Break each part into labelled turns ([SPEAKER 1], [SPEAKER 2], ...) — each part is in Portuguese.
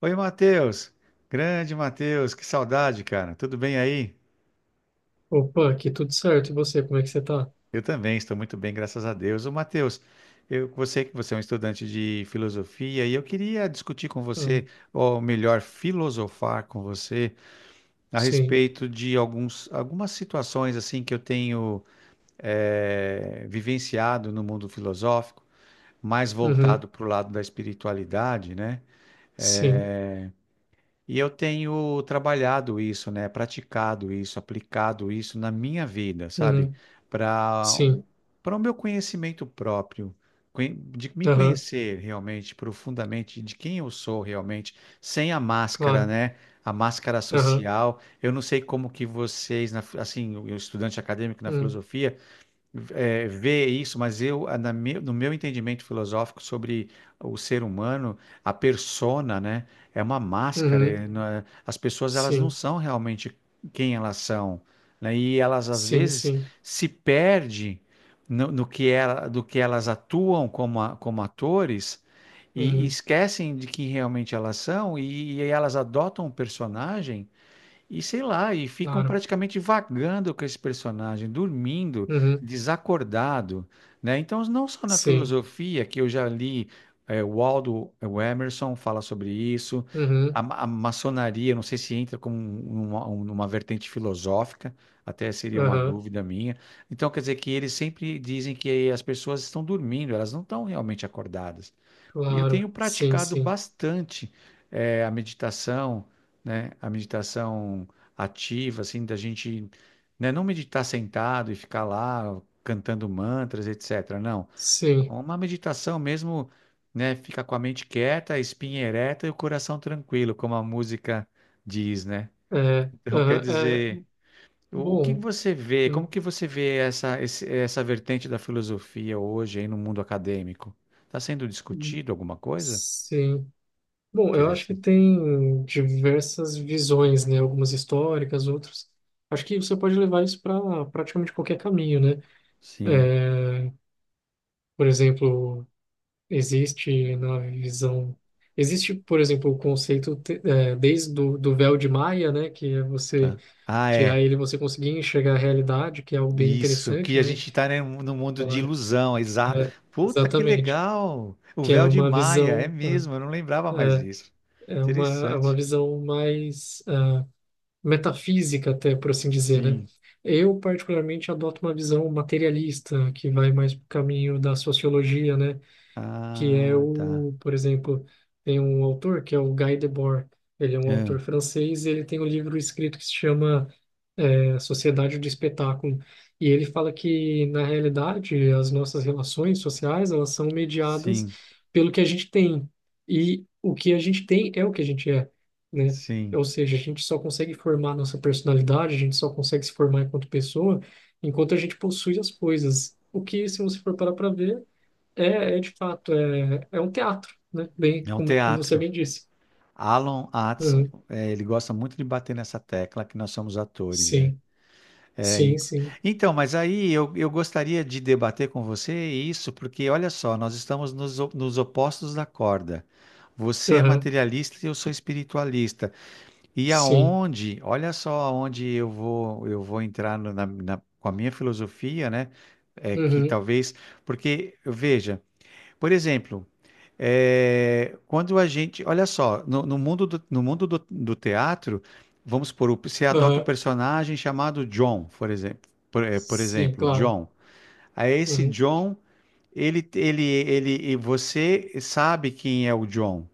[SPEAKER 1] Oi, Matheus. Grande Matheus, que saudade, cara. Tudo bem aí?
[SPEAKER 2] Opa, aqui tudo certo. E você, como é que você tá?
[SPEAKER 1] Eu também estou muito bem, graças a Deus. Ô, Matheus, eu sei que você é um estudante de filosofia e eu queria discutir com você,
[SPEAKER 2] Hum,
[SPEAKER 1] ou melhor, filosofar com você a
[SPEAKER 2] sim.
[SPEAKER 1] respeito de algumas situações assim que eu tenho vivenciado no mundo filosófico, mais
[SPEAKER 2] Uhum.
[SPEAKER 1] voltado para o lado da espiritualidade, né?
[SPEAKER 2] Sim.
[SPEAKER 1] E eu tenho trabalhado isso, né? Praticado isso, aplicado isso na minha vida, sabe?
[SPEAKER 2] Uhum.
[SPEAKER 1] Para
[SPEAKER 2] Sim.
[SPEAKER 1] para o meu conhecimento próprio, de me
[SPEAKER 2] Aham,
[SPEAKER 1] conhecer realmente profundamente, de quem eu sou realmente, sem a máscara,
[SPEAKER 2] claro.
[SPEAKER 1] né? A máscara
[SPEAKER 2] Aham.
[SPEAKER 1] social. Eu não sei como que assim, o estudante acadêmico na
[SPEAKER 2] Uhum.
[SPEAKER 1] filosofia, ver isso, mas eu, a- na me- no meu entendimento filosófico sobre o ser humano, a persona, né, é uma máscara.
[SPEAKER 2] Uhum.
[SPEAKER 1] É, não é- As pessoas elas não
[SPEAKER 2] Sim.
[SPEAKER 1] são realmente quem elas são, né, e elas às
[SPEAKER 2] Sim,
[SPEAKER 1] vezes
[SPEAKER 2] sim.
[SPEAKER 1] se perdem no, no que ela, do que elas atuam como, como atores e
[SPEAKER 2] Uhum.
[SPEAKER 1] esquecem de quem realmente elas são e elas adotam um personagem. E sei lá, e ficam
[SPEAKER 2] Claro.
[SPEAKER 1] praticamente vagando com esse personagem, dormindo,
[SPEAKER 2] Uhum.
[SPEAKER 1] desacordado, né? Então, não só na
[SPEAKER 2] Sim.
[SPEAKER 1] filosofia, que eu já li, o Aldo, o Emerson fala sobre isso,
[SPEAKER 2] Uhum.
[SPEAKER 1] a maçonaria, não sei se entra como uma vertente filosófica, até seria uma
[SPEAKER 2] Aham.
[SPEAKER 1] dúvida minha. Então, quer dizer que eles sempre dizem que as pessoas estão dormindo, elas não estão realmente acordadas. E eu
[SPEAKER 2] Claro.
[SPEAKER 1] tenho
[SPEAKER 2] Sim,
[SPEAKER 1] praticado
[SPEAKER 2] sim.
[SPEAKER 1] bastante a meditação, né? A meditação ativa, assim, da gente, né? Não meditar sentado e ficar lá cantando mantras, etc. Não,
[SPEAKER 2] Sim.
[SPEAKER 1] uma meditação mesmo, né? Ficar com a mente quieta, a espinha ereta e o coração tranquilo, como a música diz, né?
[SPEAKER 2] É.
[SPEAKER 1] Então, quer
[SPEAKER 2] Aham. É.
[SPEAKER 1] dizer, o que
[SPEAKER 2] Bom.
[SPEAKER 1] você vê? Como
[SPEAKER 2] Hum,
[SPEAKER 1] que você vê essa vertente da filosofia hoje aí no mundo acadêmico? Está sendo
[SPEAKER 2] hum,
[SPEAKER 1] discutido alguma coisa?
[SPEAKER 2] Sim. Bom, eu acho que
[SPEAKER 1] Interessante.
[SPEAKER 2] tem diversas visões, né? Algumas históricas, outras. Acho que você pode levar isso para praticamente qualquer caminho, né?
[SPEAKER 1] Sim,
[SPEAKER 2] É, por exemplo, existe na visão. Existe, por exemplo, o conceito desde do véu de Maia, né? Que é você
[SPEAKER 1] tá. Ah,
[SPEAKER 2] tirar
[SPEAKER 1] é.
[SPEAKER 2] ele, e você conseguir enxergar a realidade, que é algo bem
[SPEAKER 1] Isso,
[SPEAKER 2] interessante,
[SPEAKER 1] que a
[SPEAKER 2] né?
[SPEAKER 1] gente tá, né, no mundo de
[SPEAKER 2] Ela-
[SPEAKER 1] ilusão, exato.
[SPEAKER 2] É,
[SPEAKER 1] Puta, que
[SPEAKER 2] exatamente.
[SPEAKER 1] legal! O
[SPEAKER 2] Que é
[SPEAKER 1] véu de
[SPEAKER 2] uma
[SPEAKER 1] Maia, é
[SPEAKER 2] visão, né,
[SPEAKER 1] mesmo, eu não lembrava mais disso.
[SPEAKER 2] é uma, é uma
[SPEAKER 1] Interessante.
[SPEAKER 2] visão mais metafísica até, por assim dizer, né?
[SPEAKER 1] Sim.
[SPEAKER 2] Eu, particularmente, adoto uma visão materialista, que vai mais para o caminho da sociologia, né? Que é
[SPEAKER 1] Ah, tá.
[SPEAKER 2] o, por exemplo, tem um autor que é o Guy Debord. Ele é um
[SPEAKER 1] É,
[SPEAKER 2] autor francês e ele tem um livro escrito que se chama a sociedade de espetáculo. E ele fala que, na realidade, as nossas relações sociais, elas são mediadas
[SPEAKER 1] sim,
[SPEAKER 2] pelo que a gente tem. E o que a gente tem é o que a gente é, né?
[SPEAKER 1] sim.
[SPEAKER 2] Ou seja, a gente só consegue formar nossa personalidade, a gente só consegue se formar enquanto pessoa, enquanto a gente possui as coisas. O que, se você for parar para ver, é de fato, é um teatro, né? Bem,
[SPEAKER 1] É um
[SPEAKER 2] como você
[SPEAKER 1] teatro.
[SPEAKER 2] bem disse.
[SPEAKER 1] Alan Atson,
[SPEAKER 2] Uhum.
[SPEAKER 1] é, ele gosta muito de bater nessa tecla que nós somos atores, né?
[SPEAKER 2] Sim,
[SPEAKER 1] É,
[SPEAKER 2] sim,
[SPEAKER 1] in-
[SPEAKER 2] sim.
[SPEAKER 1] então, mas aí eu gostaria de debater com você isso, porque olha só, nós estamos nos opostos da corda. Você é
[SPEAKER 2] Aham,
[SPEAKER 1] materialista e eu sou espiritualista. E
[SPEAKER 2] sim.
[SPEAKER 1] aonde, olha só aonde eu vou entrar com a minha filosofia, né? É que
[SPEAKER 2] Uhum.
[SPEAKER 1] talvez, porque veja, por exemplo. Quando a gente, olha só, no mundo do, do teatro, você adota um
[SPEAKER 2] Aham.
[SPEAKER 1] personagem chamado John, por exemplo, por
[SPEAKER 2] Sim,
[SPEAKER 1] exemplo,
[SPEAKER 2] claro.
[SPEAKER 1] John. Aí esse
[SPEAKER 2] Uhum,
[SPEAKER 1] John, ele, e você sabe quem é o John.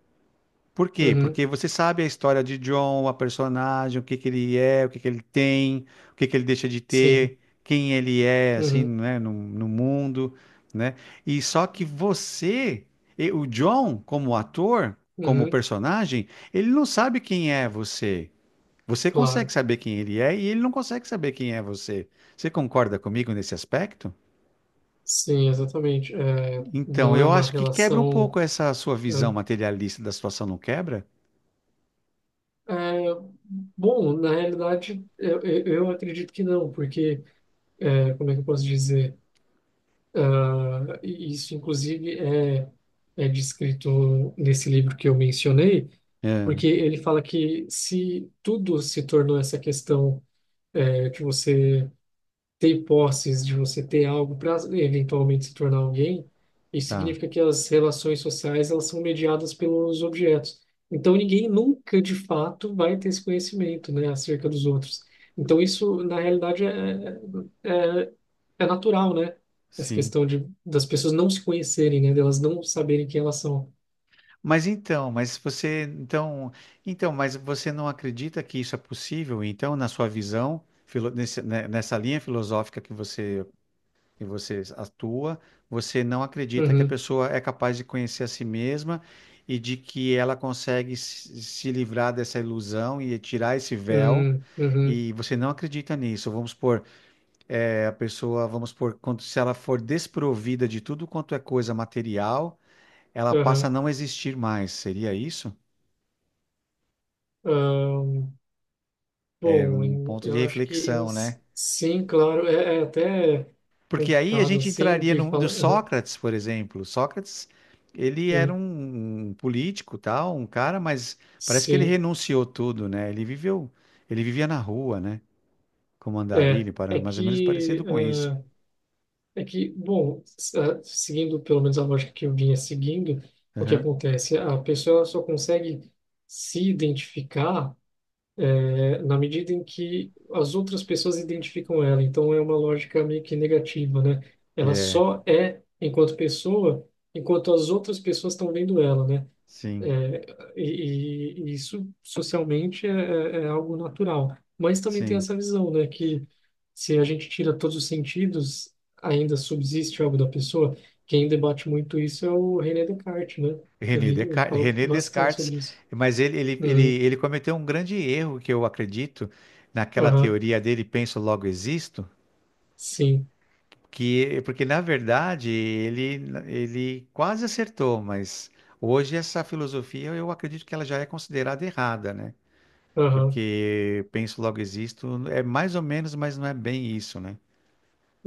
[SPEAKER 1] Por quê?
[SPEAKER 2] uhum,
[SPEAKER 1] Porque você sabe a história de John, a personagem, o que que ele é, o que que ele tem, o que que ele deixa de
[SPEAKER 2] sim,
[SPEAKER 1] ter, quem ele é, assim,
[SPEAKER 2] uhum,
[SPEAKER 1] né, no mundo, né? E só que você, e o John, como ator, como
[SPEAKER 2] uhum,
[SPEAKER 1] personagem, ele não sabe quem é você. Você consegue
[SPEAKER 2] claro.
[SPEAKER 1] saber quem ele é e ele não consegue saber quem é você. Você concorda comigo nesse aspecto?
[SPEAKER 2] Sim, exatamente. É,
[SPEAKER 1] Então,
[SPEAKER 2] não é
[SPEAKER 1] eu
[SPEAKER 2] uma
[SPEAKER 1] acho que quebra um pouco
[SPEAKER 2] relação.
[SPEAKER 1] essa sua
[SPEAKER 2] É,
[SPEAKER 1] visão materialista da situação, não quebra?
[SPEAKER 2] é, bom, na realidade, eu acredito que não, porque, como é que eu posso dizer? Ah, isso, inclusive, é descrito nesse livro que eu mencionei,
[SPEAKER 1] É,
[SPEAKER 2] porque ele fala que se tudo se tornou essa questão, é, que você. Ter posses, de você ter algo para eventualmente se tornar alguém, isso
[SPEAKER 1] tá,
[SPEAKER 2] significa que as relações sociais elas são mediadas pelos objetos. Então ninguém nunca de fato vai ter esse conhecimento, né, acerca dos outros. Então isso na realidade é, é é natural, né? Essa
[SPEAKER 1] sim.
[SPEAKER 2] questão de das pessoas não se conhecerem, né, delas não saberem quem elas são.
[SPEAKER 1] Mas então, mas você, então, mas você não acredita que isso é possível? Então, na sua visão, né, nessa linha filosófica que você atua, você não acredita que a
[SPEAKER 2] Uhum,
[SPEAKER 1] pessoa é capaz de conhecer a si mesma e de que ela consegue se livrar dessa ilusão e tirar esse véu?
[SPEAKER 2] uhum, uhum,
[SPEAKER 1] E você não acredita nisso? Vamos supor, a pessoa, vamos supor, quando, se ela for desprovida de tudo quanto é coisa material, ela passa a
[SPEAKER 2] aham,
[SPEAKER 1] não existir mais. Seria isso?
[SPEAKER 2] ahn. Bom,
[SPEAKER 1] Ponto de
[SPEAKER 2] eu acho que
[SPEAKER 1] reflexão, né?
[SPEAKER 2] sim, claro, é até
[SPEAKER 1] Porque aí a
[SPEAKER 2] complicado
[SPEAKER 1] gente
[SPEAKER 2] assim
[SPEAKER 1] entraria
[SPEAKER 2] de
[SPEAKER 1] no
[SPEAKER 2] falar. Aham,
[SPEAKER 1] Sócrates, por exemplo. Sócrates, ele era
[SPEAKER 2] hum,
[SPEAKER 1] um político, tal, um cara, mas parece que ele
[SPEAKER 2] sim,
[SPEAKER 1] renunciou tudo, né? Ele viveu, ele vivia na rua, né? Como
[SPEAKER 2] é,
[SPEAKER 1] andarilho,
[SPEAKER 2] é
[SPEAKER 1] mais ou menos parecido
[SPEAKER 2] que
[SPEAKER 1] com isso.
[SPEAKER 2] ah, é que bom, s- ah, seguindo pelo menos a lógica que eu vinha seguindo, o que
[SPEAKER 1] Aham.
[SPEAKER 2] acontece? A pessoa só consegue se identificar na medida em que as outras pessoas identificam ela. Então é uma lógica meio que negativa, né? Ela
[SPEAKER 1] É,
[SPEAKER 2] só é enquanto pessoa, enquanto as outras pessoas estão vendo ela, né?
[SPEAKER 1] sim,
[SPEAKER 2] É, e isso socialmente é algo natural. Mas também tem
[SPEAKER 1] sim.
[SPEAKER 2] essa visão, né, que se a gente tira todos os sentidos, ainda subsiste algo da pessoa. Quem debate muito isso é o René Descartes, né? Que
[SPEAKER 1] René
[SPEAKER 2] ele
[SPEAKER 1] Descartes,
[SPEAKER 2] fala
[SPEAKER 1] René
[SPEAKER 2] bastante
[SPEAKER 1] Descartes,
[SPEAKER 2] sobre isso.
[SPEAKER 1] mas
[SPEAKER 2] Uhum,
[SPEAKER 1] ele cometeu um grande erro que eu acredito naquela
[SPEAKER 2] aham,
[SPEAKER 1] teoria dele, penso, logo existo.
[SPEAKER 2] sim,
[SPEAKER 1] Que, porque na verdade ele, quase acertou, mas hoje essa filosofia eu acredito que ela já é considerada errada, né?
[SPEAKER 2] aham,
[SPEAKER 1] Porque penso logo existo, é mais ou menos, mas não é bem isso, né?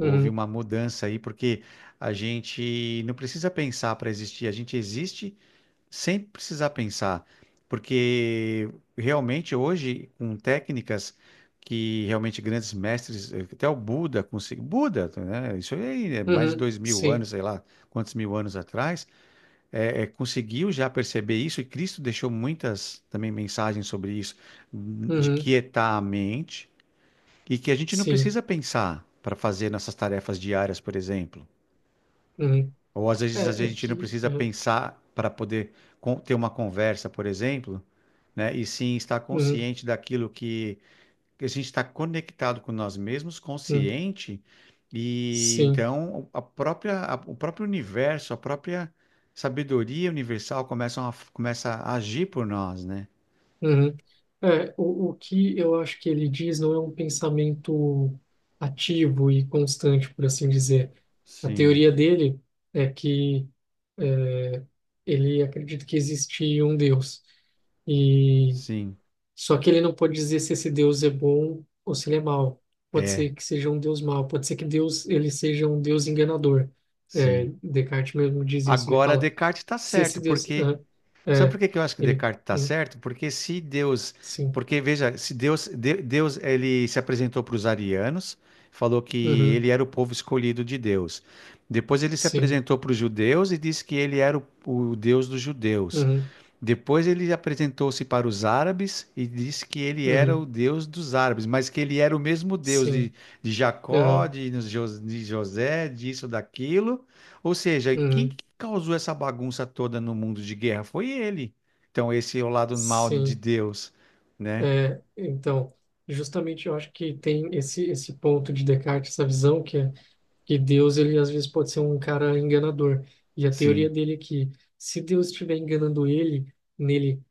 [SPEAKER 1] Houve uma mudança aí, porque a gente não precisa pensar para existir, a gente existe sem precisar pensar, porque realmente hoje, com técnicas que realmente grandes mestres, até o Buda conseguiu, Buda, né, isso aí é mais de
[SPEAKER 2] uhum,
[SPEAKER 1] dois mil
[SPEAKER 2] sim,
[SPEAKER 1] anos, sei lá, quantos mil anos atrás, conseguiu já perceber isso, e Cristo deixou muitas também mensagens sobre isso, de
[SPEAKER 2] uhum,
[SPEAKER 1] quietar a mente, e que a gente não
[SPEAKER 2] sim,
[SPEAKER 1] precisa pensar para fazer nossas tarefas diárias, por exemplo.
[SPEAKER 2] uhum.
[SPEAKER 1] Ou às
[SPEAKER 2] É, é
[SPEAKER 1] vezes a gente não
[SPEAKER 2] que, é,
[SPEAKER 1] precisa pensar para poder ter uma conversa, por exemplo, né? E sim estar
[SPEAKER 2] uhum,
[SPEAKER 1] consciente daquilo que a gente está conectado com nós mesmos,
[SPEAKER 2] uhum,
[SPEAKER 1] consciente, e
[SPEAKER 2] sim.
[SPEAKER 1] então a própria, o próprio universo, a própria sabedoria universal começa a agir por nós, né?
[SPEAKER 2] Uhum. É, o que eu acho que ele diz não é um pensamento ativo e constante, por assim dizer. A
[SPEAKER 1] Sim,
[SPEAKER 2] teoria dele é que ele acredita que existe um Deus, e
[SPEAKER 1] sim,
[SPEAKER 2] só que ele não pode dizer se esse Deus é bom ou se ele é mau. Pode
[SPEAKER 1] é,
[SPEAKER 2] ser que seja um Deus mau, pode ser que Deus ele seja um Deus enganador. É,
[SPEAKER 1] sim.
[SPEAKER 2] Descartes mesmo diz isso. Ele
[SPEAKER 1] Agora
[SPEAKER 2] fala
[SPEAKER 1] Descartes está
[SPEAKER 2] se esse
[SPEAKER 1] certo.
[SPEAKER 2] Deus,
[SPEAKER 1] Porque
[SPEAKER 2] ah,
[SPEAKER 1] Sabe por
[SPEAKER 2] é,
[SPEAKER 1] que que eu acho que
[SPEAKER 2] ele,
[SPEAKER 1] Descartes está
[SPEAKER 2] hum,
[SPEAKER 1] certo? Porque se Deus,
[SPEAKER 2] sim,
[SPEAKER 1] porque veja, se Deus, Deus ele se apresentou para os arianos, falou que
[SPEAKER 2] uhum,
[SPEAKER 1] ele era o povo escolhido de Deus. Depois ele se
[SPEAKER 2] sim.
[SPEAKER 1] apresentou para os judeus e disse que ele era o Deus dos judeus.
[SPEAKER 2] Uhum.
[SPEAKER 1] Depois ele apresentou-se para os árabes e disse que ele era
[SPEAKER 2] Uhum,
[SPEAKER 1] o Deus dos árabes, mas que ele era o mesmo Deus
[SPEAKER 2] sim,
[SPEAKER 1] de Jacó,
[SPEAKER 2] aham,
[SPEAKER 1] de José, disso, daquilo. Ou seja, quem que
[SPEAKER 2] uhum,
[SPEAKER 1] causou essa bagunça toda no mundo de guerra foi ele. Então, esse é o lado mal de
[SPEAKER 2] sim.
[SPEAKER 1] Deus, né?
[SPEAKER 2] É, então, justamente eu acho que tem esse ponto de Descartes, essa visão que é que Deus, ele às vezes pode ser um cara enganador. E a teoria
[SPEAKER 1] Sim.
[SPEAKER 2] dele é que se Deus estiver enganando ele, nele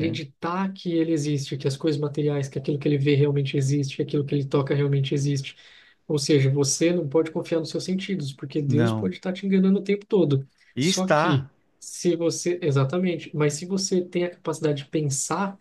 [SPEAKER 1] É.
[SPEAKER 2] que ele existe, que as coisas materiais, que aquilo que ele vê realmente existe, que aquilo que ele toca realmente existe. Ou seja, você não pode confiar nos seus sentidos, porque Deus
[SPEAKER 1] Não.
[SPEAKER 2] pode estar te enganando o tempo todo.
[SPEAKER 1] E
[SPEAKER 2] Só
[SPEAKER 1] está.
[SPEAKER 2] que se você, exatamente, mas se você tem a capacidade de pensar,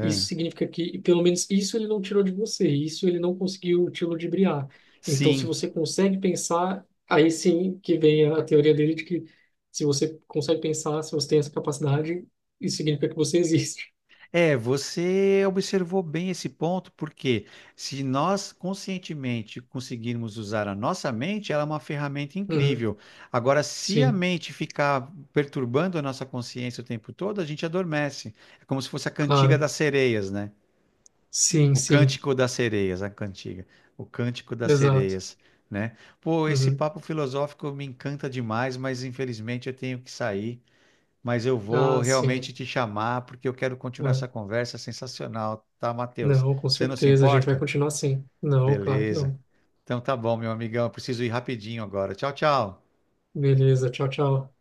[SPEAKER 2] isso significa que pelo menos isso ele não tirou de você, isso ele não conseguiu te ludibriar. Então, se
[SPEAKER 1] Sim.
[SPEAKER 2] você consegue pensar, aí sim que vem a teoria dele de que se você consegue pensar, se você tem essa capacidade, isso significa que você existe.
[SPEAKER 1] É, você observou bem esse ponto, porque se nós conscientemente conseguirmos usar a nossa mente, ela é uma ferramenta
[SPEAKER 2] Uhum.
[SPEAKER 1] incrível. Agora, se a
[SPEAKER 2] Sim,
[SPEAKER 1] mente ficar perturbando a nossa consciência o tempo todo, a gente adormece. É como se fosse a cantiga
[SPEAKER 2] claro.
[SPEAKER 1] das sereias, né?
[SPEAKER 2] Sim,
[SPEAKER 1] O
[SPEAKER 2] sim,
[SPEAKER 1] cântico das sereias, a cantiga. O cântico das
[SPEAKER 2] exato.
[SPEAKER 1] sereias, né? Pô, esse
[SPEAKER 2] Uhum.
[SPEAKER 1] papo filosófico me encanta demais, mas infelizmente eu tenho que sair, mas eu vou
[SPEAKER 2] Ah, sim.
[SPEAKER 1] realmente te chamar porque eu quero continuar essa
[SPEAKER 2] É.
[SPEAKER 1] conversa sensacional, tá, Matheus?
[SPEAKER 2] Não, com
[SPEAKER 1] Você não se
[SPEAKER 2] certeza, a gente vai
[SPEAKER 1] importa?
[SPEAKER 2] continuar assim. Não, claro que
[SPEAKER 1] Beleza.
[SPEAKER 2] não.
[SPEAKER 1] Então tá bom, meu amigão, eu preciso ir rapidinho agora. Tchau, tchau.
[SPEAKER 2] Beleza, tchau, tchau.